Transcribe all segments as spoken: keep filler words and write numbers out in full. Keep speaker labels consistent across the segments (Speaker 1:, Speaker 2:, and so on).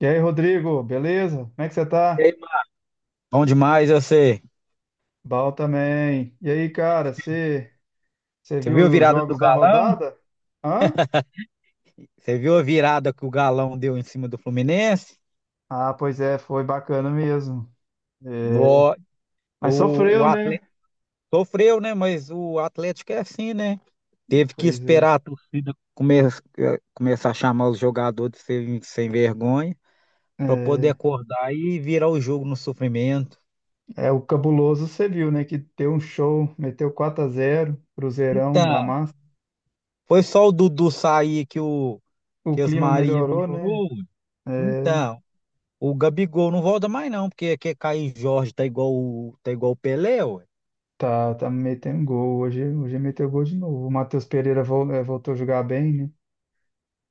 Speaker 1: E aí, Rodrigo, beleza? Como é que você
Speaker 2: E
Speaker 1: tá?
Speaker 2: aí, Marcos? Bom demais, eu sei.
Speaker 1: Bal também. E aí, cara, você você
Speaker 2: Você
Speaker 1: viu
Speaker 2: viu a
Speaker 1: os
Speaker 2: virada do
Speaker 1: jogos da
Speaker 2: Galão?
Speaker 1: rodada? Hã?
Speaker 2: Você viu a virada que o Galão deu em cima do Fluminense?
Speaker 1: Ah, pois é, foi bacana mesmo. É,
Speaker 2: No,
Speaker 1: mas
Speaker 2: o, o
Speaker 1: sofreu, né?
Speaker 2: Atlético sofreu, né? Mas o Atlético é assim, né? Teve que
Speaker 1: Pois é.
Speaker 2: esperar a torcida come, eh, começar a chamar os jogadores de sem, sem vergonha para poder
Speaker 1: É,
Speaker 2: acordar e virar o jogo no sofrimento.
Speaker 1: é o cabuloso, você viu, né? Que deu um show, meteu quatro a zero, Cruzeirão da
Speaker 2: Então,
Speaker 1: massa.
Speaker 2: foi só o Dudu sair que o
Speaker 1: O
Speaker 2: que as
Speaker 1: clima
Speaker 2: Maria
Speaker 1: melhorou, né?
Speaker 2: melhorou.
Speaker 1: É,
Speaker 2: Então, o Gabigol não volta mais não, porque quer cair Jorge tá igual o, tá igual o Pelé, ué.
Speaker 1: tá, tá metendo gol. Hoje, hoje meteu gol de novo. O Matheus Pereira vol- eh, voltou a jogar bem, né?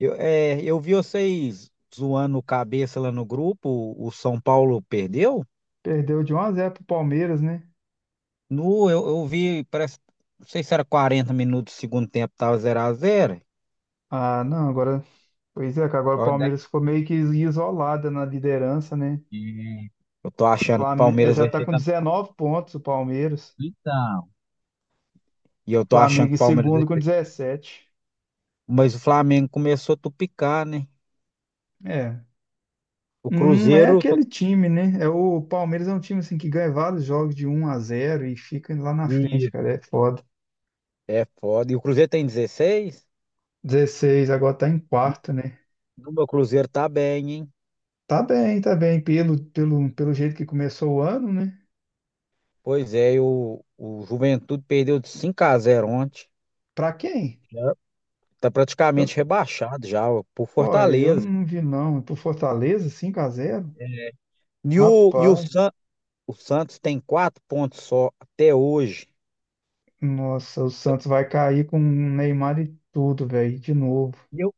Speaker 2: Eu, é, eu vi vocês zoando o cabeça lá no grupo, o, o São Paulo perdeu?
Speaker 1: Perdeu de um a zero pro Palmeiras, né?
Speaker 2: No, eu, eu vi, parece, não sei se era quarenta minutos do segundo tempo, tava zero a zero.
Speaker 1: Ah, não, agora. Pois é, cara, agora o
Speaker 2: Olha
Speaker 1: Palmeiras ficou meio que isolada na liderança, né?
Speaker 2: daqui. Eu tô achando que o
Speaker 1: Flam- eh,
Speaker 2: Palmeiras
Speaker 1: Já
Speaker 2: vai
Speaker 1: tá
Speaker 2: ser
Speaker 1: com
Speaker 2: campeão.
Speaker 1: dezenove pontos o Palmeiras.
Speaker 2: Então. E eu
Speaker 1: O
Speaker 2: tô achando
Speaker 1: Flamengo
Speaker 2: que
Speaker 1: em
Speaker 2: o Palmeiras vai
Speaker 1: segundo com
Speaker 2: ser...
Speaker 1: dezessete.
Speaker 2: Mas o Flamengo começou a tupicar, né?
Speaker 1: É.
Speaker 2: O
Speaker 1: Não é
Speaker 2: Cruzeiro... tá-
Speaker 1: aquele time, né? É o Palmeiras é um time assim que ganha vários jogos de um a zero e fica lá na frente,
Speaker 2: Ih,
Speaker 1: cara. É foda.
Speaker 2: é foda. E o Cruzeiro tem dezesseis.
Speaker 1: Dezesseis agora tá em quarto, né?
Speaker 2: O meu Cruzeiro tá bem, hein?
Speaker 1: Tá bem, tá bem. Pelo, pelo, pelo jeito que começou o ano, né?
Speaker 2: Pois é, e o, o Juventude perdeu de cinco a zero ontem.
Speaker 1: Pra quem?
Speaker 2: Já tá
Speaker 1: Eu,
Speaker 2: praticamente rebaixado já, ó, por
Speaker 1: pô, eu
Speaker 2: Fortaleza.
Speaker 1: não vi não. Pro Fortaleza, cinco a zero.
Speaker 2: E o, e o,
Speaker 1: Rapaz.
Speaker 2: San, o Santos tem quatro pontos só até hoje.
Speaker 1: Nossa, o Santos vai cair com o Neymar e tudo, velho, de novo.
Speaker 2: E Eu,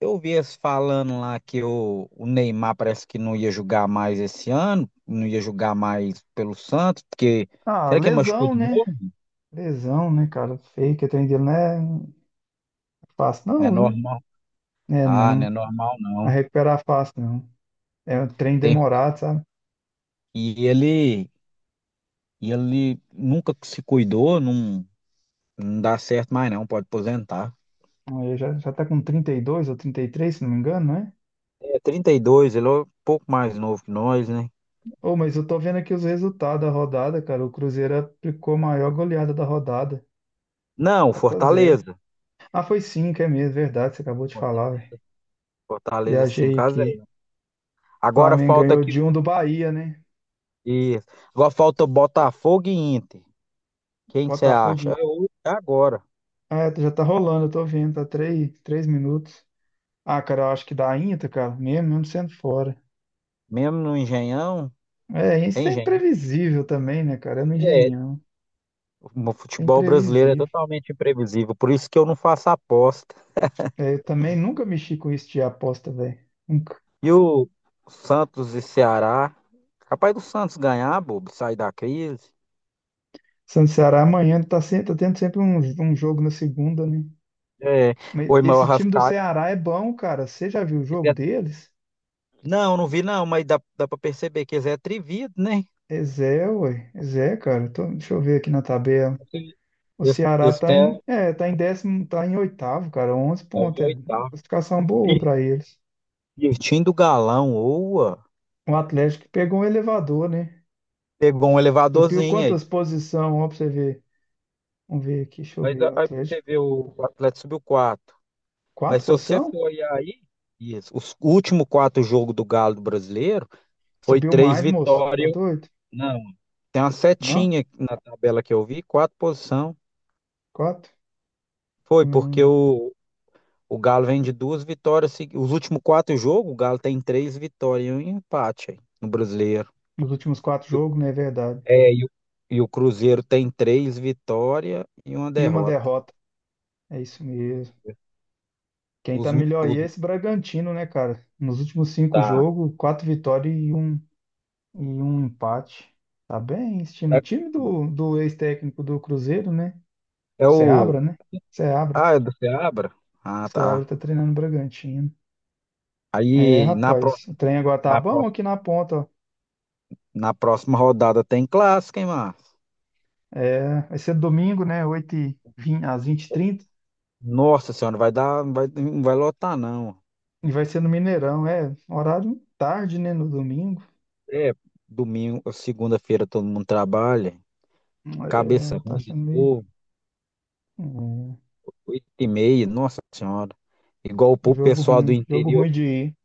Speaker 2: eu vi eles falando lá que o, o Neymar parece que não ia jogar mais esse ano, não ia jogar mais pelo Santos, porque
Speaker 1: Ah,
Speaker 2: será que ele machucou
Speaker 1: lesão,
Speaker 2: de
Speaker 1: né?
Speaker 2: novo?
Speaker 1: Lesão, né, cara? Feio que tem dele não é fácil,
Speaker 2: Não é
Speaker 1: não, viu?
Speaker 2: normal.
Speaker 1: É,
Speaker 2: Ah, não é
Speaker 1: não.
Speaker 2: normal
Speaker 1: A
Speaker 2: não.
Speaker 1: recuperar fácil, não. É um trem
Speaker 2: Tem,
Speaker 1: demorado, sabe?
Speaker 2: e ele, e ele nunca se cuidou, não. Não dá certo mais não, pode aposentar.
Speaker 1: Ele já, já tá com trinta e dois ou trinta e três, se não me engano, não é?
Speaker 2: É trinta e dois, ele é um pouco mais novo que nós, né?
Speaker 1: Ô, mas eu tô vendo aqui os resultados da rodada, cara. O Cruzeiro aplicou a maior goleada da rodada.
Speaker 2: Não,
Speaker 1: Quatro a zero.
Speaker 2: Fortaleza.
Speaker 1: Ah, foi cinco, é mesmo, verdade. Você acabou de falar, velho.
Speaker 2: Fortaleza
Speaker 1: Viajei
Speaker 2: cinco a
Speaker 1: aqui.
Speaker 2: 0. Agora
Speaker 1: Flamengo
Speaker 2: falta
Speaker 1: ganhou
Speaker 2: aqui.
Speaker 1: de um do Bahia, né?
Speaker 2: Isso. Agora falta Botafogo e Inter. Quem você acha?
Speaker 1: Botafogo.
Speaker 2: É hoje, é agora.
Speaker 1: É, já tá rolando, eu tô vendo, tá três, três minutos. Ah, cara, eu acho que dá Inter, cara, mesmo, mesmo sendo fora.
Speaker 2: Mesmo no Engenhão,
Speaker 1: É,
Speaker 2: é
Speaker 1: isso é
Speaker 2: Engenhão.
Speaker 1: imprevisível também, né, cara? É no
Speaker 2: É,
Speaker 1: Engenhão.
Speaker 2: o
Speaker 1: É
Speaker 2: futebol brasileiro é
Speaker 1: imprevisível.
Speaker 2: totalmente imprevisível, por isso que eu não faço aposta.
Speaker 1: É, eu também nunca mexi com isso de aposta, velho. Nunca.
Speaker 2: E o Santos e Ceará, capaz do Santos ganhar, bobo, sair da crise.
Speaker 1: Santos e Ceará amanhã tá, se- tá tendo sempre um, um jogo na segunda, né?
Speaker 2: É,
Speaker 1: Mas
Speaker 2: o irmão
Speaker 1: esse time do
Speaker 2: Arrascaeta.
Speaker 1: Ceará é bom, cara. Você já viu o jogo deles?
Speaker 2: Não, não vi não, mas dá, dá para perceber que eles é atrevido, né?
Speaker 1: É Zé, ué. É Zé, cara. Tô- deixa eu ver aqui na tabela.
Speaker 2: Esse,
Speaker 1: O
Speaker 2: esse,
Speaker 1: Ceará
Speaker 2: esse
Speaker 1: tá
Speaker 2: tem a,
Speaker 1: em, é, tá em décimo, tá em oitavo, cara, onze
Speaker 2: é o
Speaker 1: pontos. É
Speaker 2: oitavo.
Speaker 1: classificação boa
Speaker 2: Ih,
Speaker 1: para eles.
Speaker 2: pertinho do galão, oa.
Speaker 1: O Atlético pegou um elevador, né?
Speaker 2: Pegou um
Speaker 1: Subiu
Speaker 2: elevadorzinho aí.
Speaker 1: quantas posições? Ó, pra você ver. Vamos ver aqui, deixa eu
Speaker 2: Mas
Speaker 1: ver.
Speaker 2: a-
Speaker 1: O
Speaker 2: aí você
Speaker 1: Atlético,
Speaker 2: vê o, o Atlético subiu quatro.
Speaker 1: quatro
Speaker 2: Mas se você
Speaker 1: posição?
Speaker 2: Foi aí, isso. Os últimos quatro jogos do Galo do Brasileiro foi
Speaker 1: Subiu
Speaker 2: três
Speaker 1: mais, moço. Tá
Speaker 2: vitórias. Vitória.
Speaker 1: doido?
Speaker 2: Não, tem uma
Speaker 1: Não?
Speaker 2: setinha na tabela que eu vi, quatro posição.
Speaker 1: Quatro?
Speaker 2: Foi porque
Speaker 1: Hum,
Speaker 2: o, O Galo vem de duas vitórias. segui- Os últimos quatro jogos, o Galo tem três vitórias e um empate aí, no Brasileiro.
Speaker 1: os últimos quatro
Speaker 2: E o-
Speaker 1: jogos, não é verdade.
Speaker 2: É, e o, e o Cruzeiro tem três vitórias e uma
Speaker 1: E uma
Speaker 2: derrota.
Speaker 1: derrota. É isso mesmo. Quem
Speaker 2: Os,
Speaker 1: tá melhor aí
Speaker 2: os,
Speaker 1: é esse Bragantino, né, cara? Nos últimos cinco
Speaker 2: tá.
Speaker 1: jogos, quatro vitórias e um, e um empate. Tá bem, esse time. O
Speaker 2: É,
Speaker 1: time do, do ex-técnico do Cruzeiro, né?
Speaker 2: é o.
Speaker 1: Seabra, né? Seabra.
Speaker 2: Ah, é do Seabra? Ah,
Speaker 1: Seabra
Speaker 2: tá.
Speaker 1: tá treinando o Bragantino. É,
Speaker 2: Aí na, pró-
Speaker 1: rapaz. O trem agora tá
Speaker 2: na, pró-
Speaker 1: bom aqui na ponta, ó.
Speaker 2: na próxima rodada tem clássico, hein, Márcio?
Speaker 1: É, vai ser domingo, né? oito e vinte às vinte e trinta. E trinta.
Speaker 2: Nossa senhora, vai dar, vai, não vai lotar, não.
Speaker 1: E vai ser no Mineirão. É, horário tarde, né? No domingo.
Speaker 2: É, domingo, segunda-feira todo mundo trabalha. Cabeça
Speaker 1: É, tá
Speaker 2: ruim de.
Speaker 1: achando meio. É, um
Speaker 2: Oito e meia, nossa senhora. Igual pro
Speaker 1: jogo
Speaker 2: pessoal do
Speaker 1: ruim. Jogo
Speaker 2: interior.
Speaker 1: ruim de ir.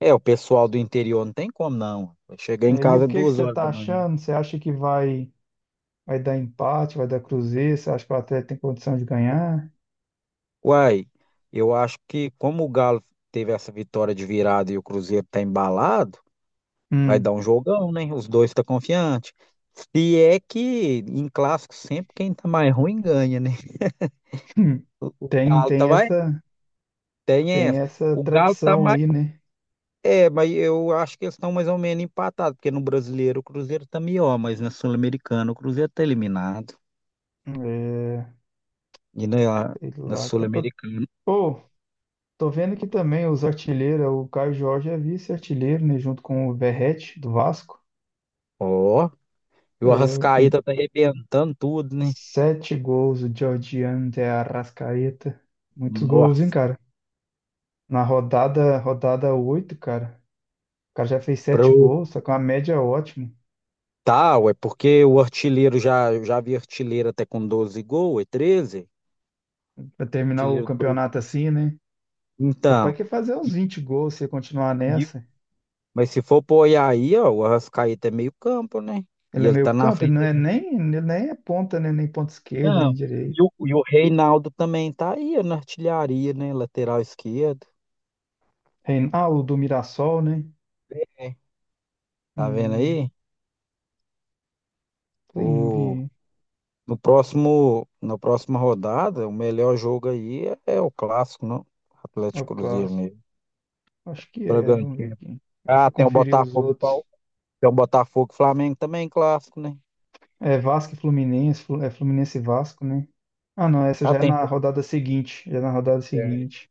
Speaker 2: É, o pessoal do interior não tem como não. Chegar em
Speaker 1: É, e o
Speaker 2: casa
Speaker 1: que que
Speaker 2: duas
Speaker 1: você
Speaker 2: horas
Speaker 1: tá
Speaker 2: da manhã.
Speaker 1: achando? Você acha que vai. Vai dar empate, vai dar cruzeiro, você acha que o Atlético tem condição de ganhar?
Speaker 2: Uai, eu acho que como o Galo teve essa vitória de virada e o Cruzeiro tá embalado, vai dar
Speaker 1: Hum.
Speaker 2: um jogão, né? Os dois tá confiante. Se é que em clássico sempre quem tá mais ruim ganha, né? O o
Speaker 1: Tem,
Speaker 2: Galo tá
Speaker 1: tem
Speaker 2: mais.
Speaker 1: essa,
Speaker 2: Tem
Speaker 1: tem
Speaker 2: essa.
Speaker 1: essa
Speaker 2: O Galo tá
Speaker 1: tradição
Speaker 2: mais.
Speaker 1: aí, né?
Speaker 2: É, mas eu acho que eles estão mais ou menos empatados, porque no brasileiro o Cruzeiro tá melhor, mas na Sul-Americana o Cruzeiro tá eliminado.
Speaker 1: É,
Speaker 2: E na,
Speaker 1: sei
Speaker 2: na
Speaker 1: lá, cara. Eu-
Speaker 2: Sul-Americana,
Speaker 1: Pô, tô vendo que também os artilheiros, o Caio Jorge é vice-artilheiro, né? Junto com o Verratti, do Vasco.
Speaker 2: ó, e o
Speaker 1: É, eu-
Speaker 2: Arrascaeta tá arrebentando tudo, né?
Speaker 1: sete gols, o Georgian de Arrascaeta. Muitos gols, hein,
Speaker 2: Nossa,
Speaker 1: cara? Na rodada, rodada oito, cara. O cara já fez
Speaker 2: pro
Speaker 1: sete gols, só com uma média ótima.
Speaker 2: tal, é porque o artilheiro já, já vi artilheiro até com doze gols, é treze.
Speaker 1: Pra terminar o
Speaker 2: Artilheiro do Brasil.
Speaker 1: campeonato assim, né? Capaz
Speaker 2: Então,
Speaker 1: que fazer uns
Speaker 2: e-
Speaker 1: vinte gols se continuar
Speaker 2: e-
Speaker 1: nessa.
Speaker 2: mas se for pôr aí, ó, o Arrascaeta é meio campo, né?
Speaker 1: Ele
Speaker 2: E
Speaker 1: é
Speaker 2: ele
Speaker 1: meio
Speaker 2: tá na
Speaker 1: campo, ele não
Speaker 2: frente.
Speaker 1: é nem, ele nem é ponta, né? Nem ponta esquerda,
Speaker 2: Não.
Speaker 1: nem
Speaker 2: E
Speaker 1: direita.
Speaker 2: o, e o Reinaldo também tá aí na artilharia, né? Lateral esquerdo.
Speaker 1: Rein- Ah, o do Mirassol, né?
Speaker 2: É. Tá vendo
Speaker 1: Hum,
Speaker 2: aí?
Speaker 1: Pling,
Speaker 2: O, no próximo, na próxima rodada, o melhor jogo aí é, é o clássico, não?
Speaker 1: é o
Speaker 2: Atlético e Cruzeiro
Speaker 1: Cássio.
Speaker 2: mesmo.
Speaker 1: Acho que é, vamos ver
Speaker 2: Bragantino.
Speaker 1: aqui. Deixa
Speaker 2: Ah,
Speaker 1: eu
Speaker 2: tem o
Speaker 1: conferir os
Speaker 2: Botafogo e
Speaker 1: outros.
Speaker 2: Pau. Tem o Botafogo e Flamengo também, clássico, né?
Speaker 1: É Vasco e Fluminense, Flu- é Fluminense e Vasco, né? Ah, não, essa
Speaker 2: Ah,
Speaker 1: já é
Speaker 2: tem.
Speaker 1: na rodada seguinte, já é na rodada
Speaker 2: É.
Speaker 1: seguinte.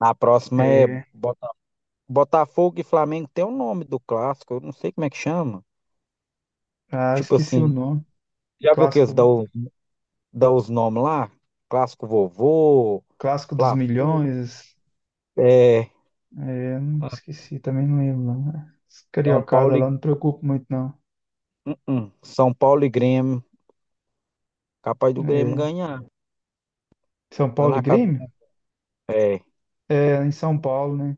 Speaker 2: A próxima é
Speaker 1: É,
Speaker 2: Bota- Botafogo e Flamengo. Tem o nome do clássico, eu não sei como é que chama.
Speaker 1: ah,
Speaker 2: Tipo
Speaker 1: esqueci o
Speaker 2: assim,
Speaker 1: nome.
Speaker 2: já viu que eles
Speaker 1: Clássico,
Speaker 2: dão dá os nomes lá, Clássico Vovô,
Speaker 1: clássico dos
Speaker 2: Fla-Flu,
Speaker 1: milhões.
Speaker 2: é,
Speaker 1: É, não esqueci, também não lembro, não. Esse
Speaker 2: São
Speaker 1: Cariocada
Speaker 2: Paulo e,
Speaker 1: lá, não preocupo muito, não.
Speaker 2: hum, hum, São Paulo e Grêmio, capaz do Grêmio
Speaker 1: É,
Speaker 2: ganhar,
Speaker 1: São
Speaker 2: lá
Speaker 1: Paulo e
Speaker 2: na casa
Speaker 1: Grêmio?
Speaker 2: do, é.
Speaker 1: É, em São Paulo, né?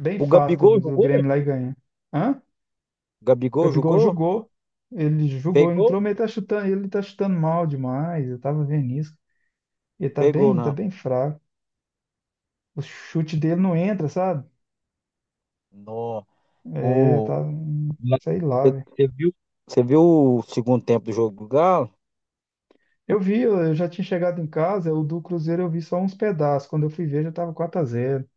Speaker 1: Bem
Speaker 2: O
Speaker 1: fácil
Speaker 2: Gabigol
Speaker 1: do,
Speaker 2: jogou?
Speaker 1: Grêmio lá e ganha. Hã?
Speaker 2: O
Speaker 1: O
Speaker 2: Gabigol
Speaker 1: Gabigol
Speaker 2: jogou?
Speaker 1: jogou. Ele
Speaker 2: Fez
Speaker 1: jogou,
Speaker 2: gol?
Speaker 1: entrou, mas ele tá chutando, ele tá chutando mal demais. Eu tava vendo isso. Ele tá
Speaker 2: Fez gol,
Speaker 1: bem, tá
Speaker 2: não.
Speaker 1: bem fraco. O chute dele não entra, sabe?
Speaker 2: No,
Speaker 1: É,
Speaker 2: o,
Speaker 1: tá. Sei lá, velho.
Speaker 2: Você viu, você viu o segundo tempo do jogo do Galo?
Speaker 1: Eu vi, eu eu já tinha chegado em casa, o do Cruzeiro eu vi só uns pedaços. Quando eu fui ver, já tava quatro a zero.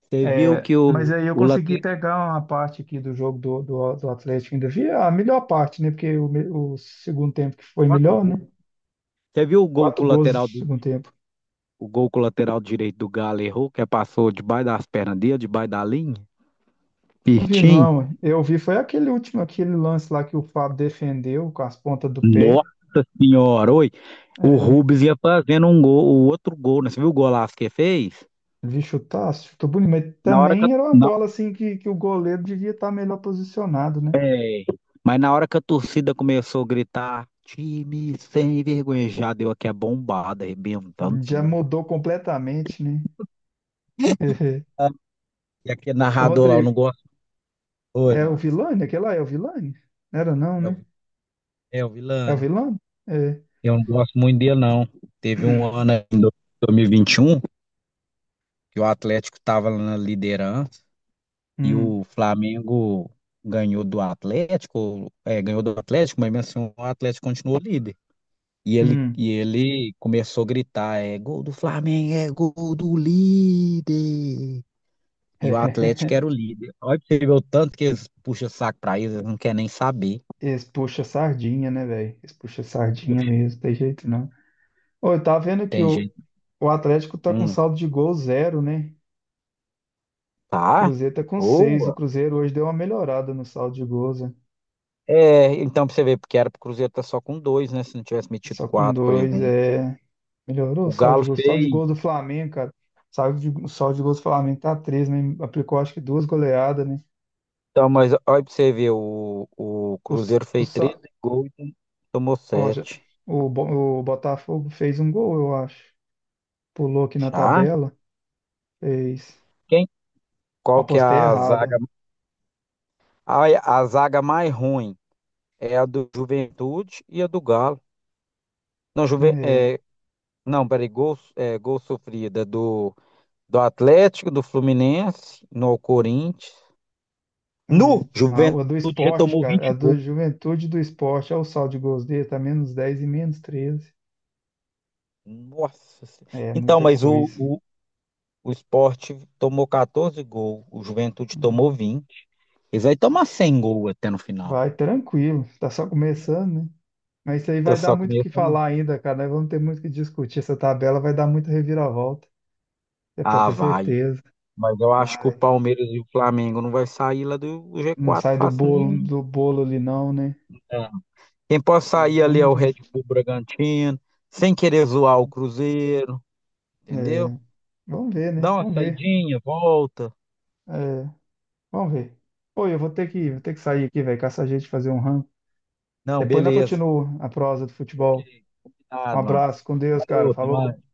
Speaker 2: Você viu
Speaker 1: É,
Speaker 2: que
Speaker 1: mas
Speaker 2: o,
Speaker 1: aí eu
Speaker 2: o
Speaker 1: consegui
Speaker 2: lateral,
Speaker 1: pegar uma parte aqui do jogo do, do, do Atlético, ainda vi a melhor parte, né? Porque o, me- o segundo tempo que foi
Speaker 2: quatro
Speaker 1: melhor, né?
Speaker 2: gols. Você viu o gol
Speaker 1: Quatro
Speaker 2: com o
Speaker 1: gols no
Speaker 2: lateral do,
Speaker 1: segundo tempo.
Speaker 2: o gol com o lateral direito do Galo errou, que passou debaixo das pernas dele, debaixo da linha?
Speaker 1: Não vi,
Speaker 2: Pirtim,
Speaker 1: não. Eu vi, foi aquele último, aquele lance lá que o Fábio defendeu com as pontas do pé.
Speaker 2: nossa senhora, oi, o
Speaker 1: É,
Speaker 2: Rubens ia fazendo um gol, o outro gol, né? Você viu o golaço que ele fez?
Speaker 1: vi chutar, chutou bonito, mas
Speaker 2: Na hora que a,
Speaker 1: também era uma
Speaker 2: na-
Speaker 1: bola assim que, que o goleiro devia estar melhor posicionado, né?
Speaker 2: é, mas na hora que a torcida começou a gritar, time sem vergonha, já deu aqui a bombada, arrebentando
Speaker 1: Já
Speaker 2: tudo.
Speaker 1: mudou completamente, né?
Speaker 2: Ah, e aquele
Speaker 1: O
Speaker 2: narrador lá, eu não
Speaker 1: Rodrigo,
Speaker 2: gosto. Oi,
Speaker 1: é o
Speaker 2: Márcio.
Speaker 1: Vilani? Aquele lá é o Vilani? Era não,
Speaker 2: É o
Speaker 1: né?
Speaker 2: é o
Speaker 1: É o
Speaker 2: Vilani.
Speaker 1: Vilani?
Speaker 2: Eu não gosto muito dele, não. Teve um ano aí em dois mil e vinte e um que o Atlético estava na liderança. E
Speaker 1: Hum,
Speaker 2: o Flamengo ganhou do Atlético, é, ganhou do Atlético, mas mesmo assim o Atlético continuou líder. E ele,
Speaker 1: hum.
Speaker 2: e ele começou a gritar, é gol do Flamengo, é gol do líder. E o Atlético era o líder. Olha pra você ver o tanto que eles puxam saco pra eles, eles não querem nem saber.
Speaker 1: Eles puxam sardinha, né, velho? Eles puxam sardinha
Speaker 2: Poxa,
Speaker 1: mesmo, tem jeito não. Ô, eu tava vendo que
Speaker 2: tem
Speaker 1: o,
Speaker 2: gente.
Speaker 1: o Atlético tá com
Speaker 2: Hum,
Speaker 1: saldo de gol zero, né? O
Speaker 2: tá?
Speaker 1: Cruzeiro tá com seis. O
Speaker 2: Boa.
Speaker 1: Cruzeiro hoje deu uma melhorada no saldo de gols, né?
Speaker 2: É, então pra você ver, porque era pro Cruzeiro tá só com dois, né? Se não tivesse metido
Speaker 1: Só com
Speaker 2: quatro, por
Speaker 1: dois,
Speaker 2: exemplo.
Speaker 1: é. Melhorou o
Speaker 2: O
Speaker 1: saldo de
Speaker 2: Galo
Speaker 1: gols. O saldo de
Speaker 2: fez.
Speaker 1: gols do Flamengo, cara. O saldo de, o saldo de gols do Flamengo tá três, né? Aplicou acho que duas goleadas, né?
Speaker 2: Então, mas olha pra você ver, o, o
Speaker 1: O, s-
Speaker 2: Cruzeiro
Speaker 1: o,
Speaker 2: fez
Speaker 1: sa-
Speaker 2: treze gols e tomou
Speaker 1: ó, já-
Speaker 2: sete.
Speaker 1: o, Bo- o Botafogo fez um gol, eu acho. Pulou aqui na
Speaker 2: Já?
Speaker 1: tabela, fez.
Speaker 2: Quem? Qual que é
Speaker 1: Apostei
Speaker 2: a
Speaker 1: errado.
Speaker 2: zaga? A, a zaga mais ruim é a do Juventude e a do Galo. Não, Juve,
Speaker 1: É,
Speaker 2: é, não, peraí, gol, é, gol sofrida do, do Atlético, do Fluminense, no Corinthians. No
Speaker 1: é. Não, a do
Speaker 2: Juventude já
Speaker 1: esporte,
Speaker 2: tomou
Speaker 1: cara. A
Speaker 2: vinte
Speaker 1: do
Speaker 2: gols.
Speaker 1: Juventude do Esporte. Olha o saldo de gols dele. Tá menos dez e menos treze.
Speaker 2: Nossa. Senhora.
Speaker 1: É
Speaker 2: Então,
Speaker 1: muita
Speaker 2: mas o,
Speaker 1: coisa.
Speaker 2: o, o Sport tomou catorze gols, o Juventude tomou vinte. Eles vai tomar cem gols até no final.
Speaker 1: Vai tranquilo. Tá só começando, né? Mas isso aí
Speaker 2: Eu
Speaker 1: vai dar
Speaker 2: só
Speaker 1: muito o que
Speaker 2: começo.
Speaker 1: falar ainda, cara. Nós vamos ter muito o que discutir. Essa tabela vai dar muita reviravolta. Você pode
Speaker 2: Ah,
Speaker 1: ter
Speaker 2: vai.
Speaker 1: certeza.
Speaker 2: Mas eu acho que o
Speaker 1: Vai.
Speaker 2: Palmeiras e o Flamengo não vai sair lá do
Speaker 1: Não
Speaker 2: G quatro
Speaker 1: sai do
Speaker 2: fácil
Speaker 1: bolo,
Speaker 2: nenhum.
Speaker 1: do bolo ali, não, né?
Speaker 2: Cara. Quem pode
Speaker 1: É,
Speaker 2: sair ali é
Speaker 1: vamos
Speaker 2: o
Speaker 1: ver.
Speaker 2: Red Bull Bragantino, sem querer zoar o Cruzeiro, entendeu?
Speaker 1: É, vamos ver,
Speaker 2: Dá
Speaker 1: né?
Speaker 2: uma
Speaker 1: Vamos ver.
Speaker 2: saidinha, volta.
Speaker 1: É, vamos ver. Pô, eu vou ter que, vou ter que sair aqui, velho, com essa gente fazer um ranking.
Speaker 2: Não,
Speaker 1: Depois nós
Speaker 2: beleza.
Speaker 1: continuamos a prosa do
Speaker 2: Ok,
Speaker 1: futebol. Um
Speaker 2: combinado,
Speaker 1: abraço,
Speaker 2: Márcio.
Speaker 1: com Deus, cara.
Speaker 2: Falou, até
Speaker 1: Falou.
Speaker 2: mais.